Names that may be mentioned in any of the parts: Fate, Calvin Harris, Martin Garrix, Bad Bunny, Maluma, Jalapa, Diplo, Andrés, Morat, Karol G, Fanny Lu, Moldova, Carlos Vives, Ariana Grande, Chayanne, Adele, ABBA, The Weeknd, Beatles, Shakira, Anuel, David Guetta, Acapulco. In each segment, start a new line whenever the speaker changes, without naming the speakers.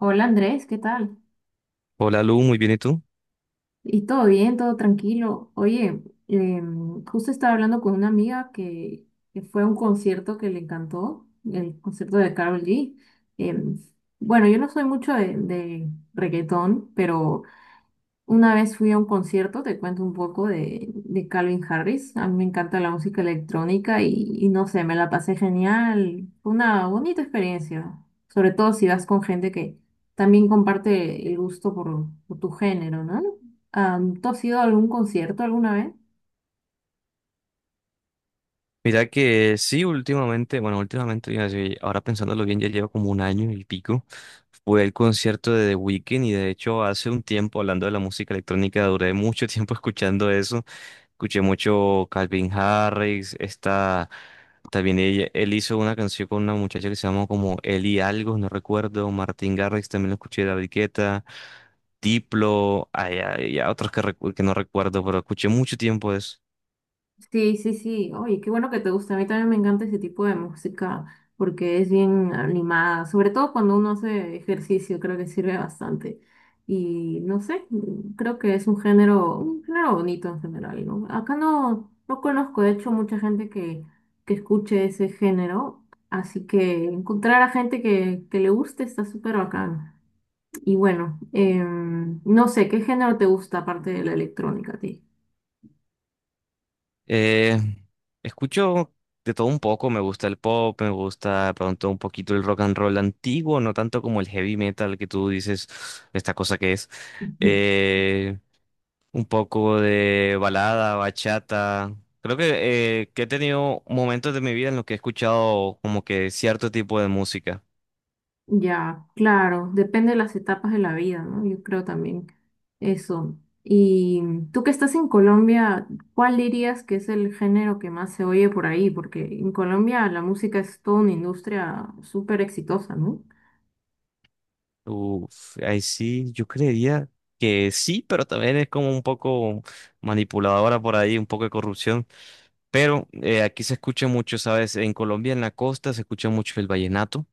Hola Andrés, ¿qué tal?
Hola Lu, muy bien, ¿y tú?
¿Y todo bien, todo tranquilo? Oye, justo estaba hablando con una amiga que fue a un concierto que le encantó, el concierto de Karol G. Em, bueno, yo no soy mucho de reggaetón, pero una vez fui a un concierto, te cuento un poco de Calvin Harris. A mí me encanta la música electrónica y no sé, me la pasé genial. Fue una bonita experiencia, sobre todo si vas con gente que también comparte el gusto por tu género, ¿no? ¿Tú has ido a algún concierto alguna vez?
Mira que sí, últimamente, bueno, últimamente, iba a decir, ahora pensándolo bien, ya lleva como un año y pico, fue el concierto de The Weeknd y de hecho hace un tiempo, hablando de la música electrónica, duré mucho tiempo escuchando eso, escuché mucho Calvin Harris, esta, también él hizo una canción con una muchacha que se llama como Eli Algo, no recuerdo. Martin Garrix, también lo escuché, David Guetta, Diplo, hay otros que, que no recuerdo, pero escuché mucho tiempo eso.
Sí, sí, sí. Oye, qué bueno que te gusta. A mí también me encanta ese tipo de música porque es bien animada. Sobre todo cuando uno hace ejercicio, creo que sirve bastante. Y no sé, creo que es un género bonito en general, ¿no? Acá no, no conozco, de hecho, mucha gente que escuche ese género. Así que encontrar a gente que le guste está súper bacán. Y bueno, no sé, ¿qué género te gusta aparte de la electrónica a ti?
Eh, escucho de todo un poco, me gusta el pop, me gusta de pronto un poquito el rock and roll antiguo, no tanto como el heavy metal que tú dices, esta cosa que es. Eh, un poco de balada, bachata. Creo que he tenido momentos de mi vida en los que he escuchado como que cierto tipo de música.
Ya, claro, depende de las etapas de la vida, ¿no? Yo creo también eso. Y tú que estás en Colombia, ¿cuál dirías que es el género que más se oye por ahí? Porque en Colombia la música es toda una industria súper exitosa, ¿no?
Uf, ahí sí, yo creería que sí, pero también es como un poco manipuladora por ahí, un poco de corrupción. Pero aquí se escucha mucho, ¿sabes? En Colombia, en la costa, se escucha mucho el vallenato.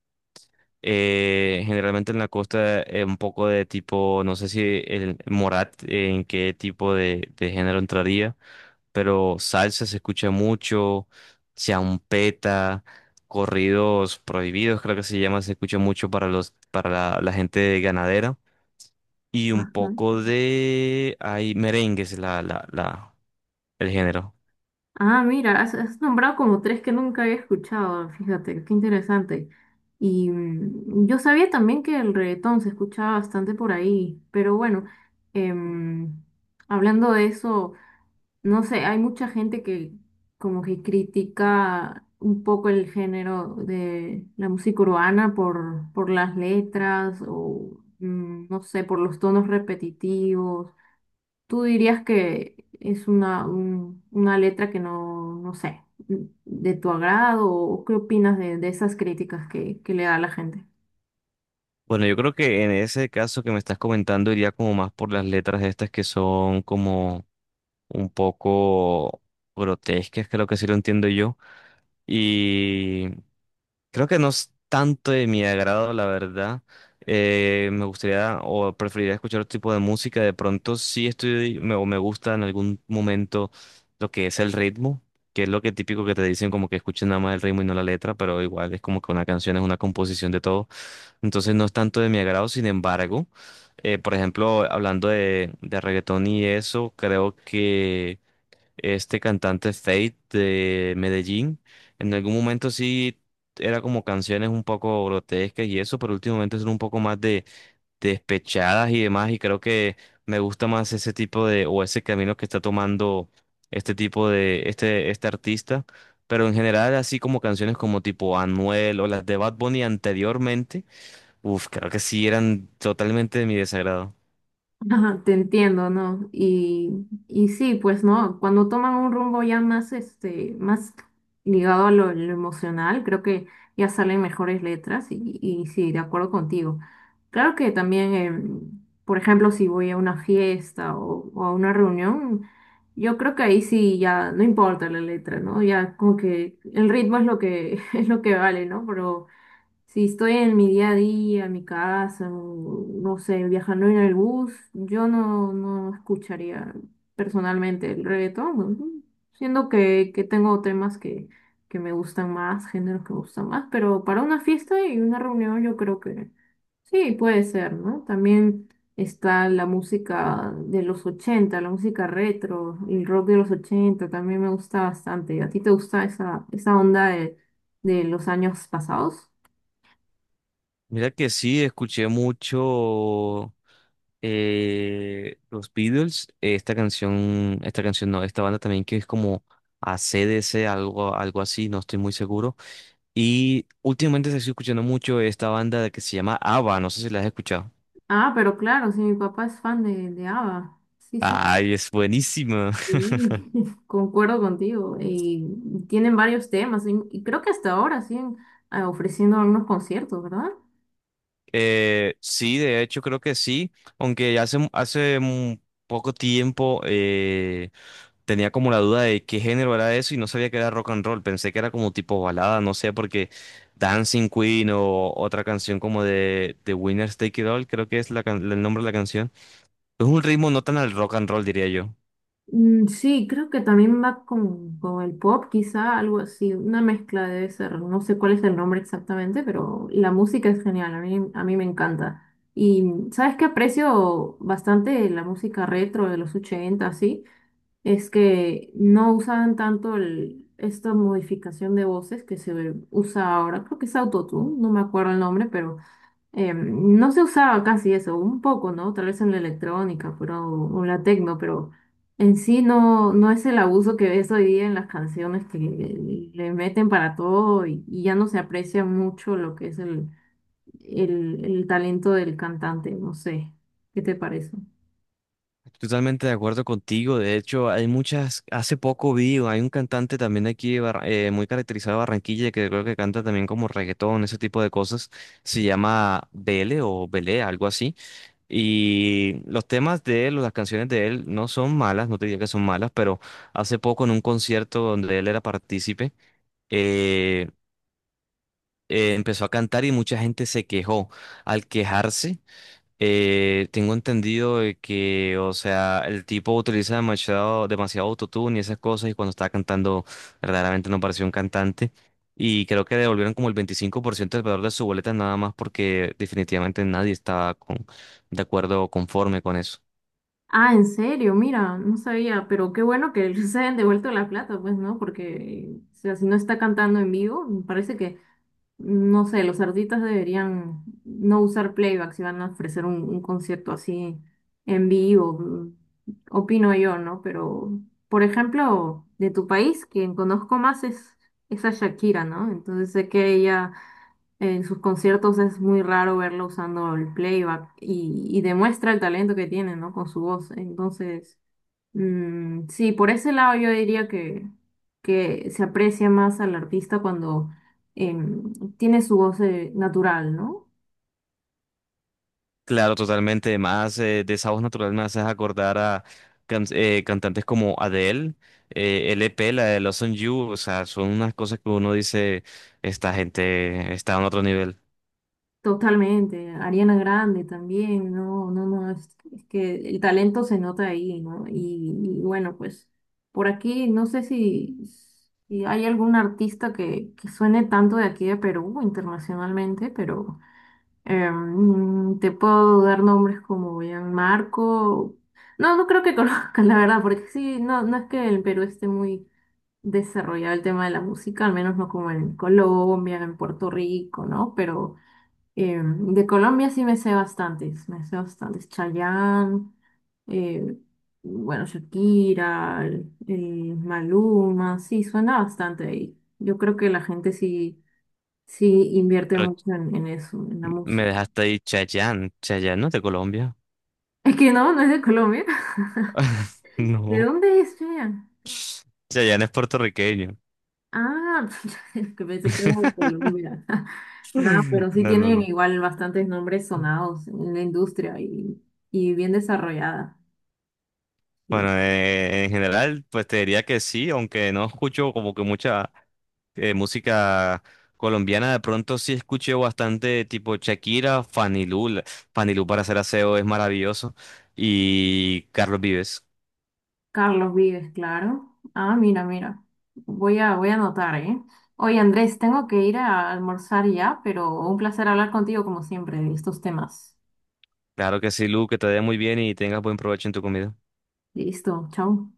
Generalmente en la costa, un poco de tipo, no sé si el Morat, en qué tipo de género entraría, pero salsa se escucha mucho, champeta, corridos prohibidos, creo que se llama, se escucha mucho para los, para la gente ganadera. Y un
Ajá.
poco de, hay merengues, el género.
Ah, mira, has, has nombrado como tres que nunca había escuchado, fíjate, qué interesante. Y mm, yo sabía también que el reggaetón se escuchaba bastante por ahí, pero bueno, em, hablando de eso. No sé, hay mucha gente que como que critica un poco el género de la música urbana por las letras o no sé, por los tonos repetitivos. ¿Tú dirías que es una, una letra que no, no sé, mm, de tu agrado o qué opinas de esas críticas que le da la gente?
Bueno, yo creo que en ese caso que me estás comentando iría como más por las letras estas que son como un poco grotescas, creo que así lo entiendo yo. Y creo que no es tanto de mi agrado, la verdad. Me gustaría o preferiría escuchar otro tipo de música. De pronto sí estoy me, o me gusta en algún momento lo que es el ritmo, que es lo que típico que te dicen como que escuchen nada más el ritmo y no la letra, pero igual es como que una canción es una composición de todo. Entonces no es tanto de mi agrado, sin embargo, por ejemplo, hablando de reggaetón y eso, creo que este cantante Fate de Medellín. En algún momento sí era como canciones un poco grotescas y eso, pero últimamente son un poco más de despechadas y demás. Y creo que me gusta más ese tipo de, o ese camino que está tomando este tipo de, este artista. Pero en general, así como canciones como tipo Anuel o las de Bad Bunny anteriormente, uff, creo que sí eran totalmente de mi desagrado.
Ajá, te entiendo, ¿no? Y sí, pues no, cuando toman un rumbo ya más, este, más ligado a lo emocional, creo que ya salen mejores letras y sí, de acuerdo contigo. Claro que también, por ejemplo, si voy a una fiesta o a una reunión, yo creo que ahí sí ya no importa la letra, ¿no? Ya como que el ritmo es lo que, es lo que vale, ¿no? Pero si estoy en mi día a día, en mi casa, o, no sé, viajando en el bus, yo no, no escucharía personalmente el reggaetón, ujú. Siendo que tengo temas que me gustan más, géneros que me gustan más, pero para una fiesta y una reunión yo creo que sí, puede ser, ¿no? También está la música de los 80, la música retro, el rock de los 80 también me gusta bastante. ¿A ti te gusta esa, esa onda de los años pasados?
Mira que sí, escuché mucho los Beatles, esta canción no, esta banda también que es como AC/DC algo, algo así, no estoy muy seguro. Y últimamente se estoy escuchando mucho esta banda que se llama ABBA, no sé si la has escuchado.
Ah, pero claro, sí, mi papá es fan de ABBA. Sí, sí,
Ay, es buenísima.
sí, concuerdo contigo. Y tienen varios temas y creo que hasta ahora siguen ah, ofreciendo algunos conciertos, ¿verdad?
Sí, de hecho creo que sí, aunque hace un poco tiempo tenía como la duda de qué género era eso y no sabía que era rock and roll, pensé que era como tipo balada, no sé, porque Dancing Queen o otra canción como de Winners Take It All, creo que es la el nombre de la canción. Es un ritmo no tan al rock and roll, diría yo.
Mm, sí, creo que también va con el pop, quizá algo así, una mezcla debe ser. No sé cuál es el nombre exactamente, pero la música es genial, a mí me encanta. Y sabes que aprecio bastante la música retro de los 80, sí. Es que no usaban tanto esta modificación de voces que se usa ahora, creo que es autotune, no me acuerdo el nombre, pero no se usaba casi eso, un poco, ¿no? Tal vez en la electrónica, pero, o la tecno, pero en sí no, no es el abuso que ves hoy día en las canciones que le meten para todo y ya no se aprecia mucho lo que es el talento del cantante, no sé, ¿qué te parece?
Totalmente de acuerdo contigo. De hecho, hay muchas. Hace poco vi, hay un cantante también aquí de muy caracterizado de Barranquilla que creo que canta también como reggaetón, ese tipo de cosas. Se llama Bele o Belé, algo así. Y los temas de él o las canciones de él no son malas, no te diría que son malas, pero hace poco en un concierto donde él era partícipe, eh, empezó a cantar y mucha gente se quejó. Al quejarse. Tengo entendido de que, o sea, el tipo utiliza demasiado, demasiado autotune y esas cosas, y cuando estaba cantando, verdaderamente no parecía un cantante. Y creo que devolvieron como el 25% del valor de su boleta, nada más porque definitivamente nadie estaba con, de acuerdo o conforme con eso.
Ah, en serio, mira, no sabía, pero qué bueno que se hayan devuelto la plata, pues, ¿no? Porque, o sea, si no está cantando en vivo, me parece que, no sé, los artistas deberían no usar playback si van a ofrecer un concierto así en vivo, mm, opino yo, ¿no? Pero, por ejemplo, de tu país, quien conozco más es a Shakira, ¿no? Entonces sé que ella en sus conciertos es muy raro verlo usando el playback y demuestra el talento que tiene, ¿no? Con su voz. Entonces, mm, sí, por ese lado yo diría que se aprecia más al artista cuando tiene su voz natural, ¿no?
Claro, totalmente. Además, de esa voz natural me haces acordar a cantantes como Adele, LP, la de Los On You, o sea, son unas cosas que uno dice, esta gente está en otro nivel.
Totalmente, Ariana Grande también, no, no, no, es que el talento se nota ahí, ¿no? Y bueno, pues por aquí no sé si, si hay algún artista que suene tanto de aquí de Perú internacionalmente, pero te puedo dar nombres como Marco, no, no creo que conozcas la verdad, porque sí, no, no es que el Perú esté muy desarrollado el tema de la música, al menos no como en Colombia, en Puerto Rico, ¿no? Pero... de Colombia sí me sé bastantes, me sé bastantes. Chayanne, eh, bueno, Shakira, el Maluma, sí, suena bastante ahí. Yo creo que la gente sí, sí invierte mucho en eso, en la
Me
música.
dejaste ahí Chayanne. Chayanne no es de Colombia.
Es que no, no es de Colombia. ¿De
No.
dónde es Chayanne?
Chayanne es puertorriqueño.
Ah, que pensé que era de Colombia. No, pero sí
No, no,
tienen
no.
igual bastantes nombres sonados en la industria y bien desarrollada.
Bueno,
Sí.
en general, pues te diría que sí, aunque no escucho como que mucha música colombiana, de pronto sí escuché bastante tipo Shakira, Fanny Lu, Fanny Lu para hacer aseo es maravilloso, y Carlos Vives.
Carlos Vives, claro. Ah, mira, mira. Voy a, voy a anotar, ¿eh? Oye, Andrés, tengo que ir a almorzar ya, pero un placer hablar contigo como siempre de estos temas.
Claro que sí, Lu, que te vaya muy bien y tengas buen provecho en tu comida.
Listo, chao.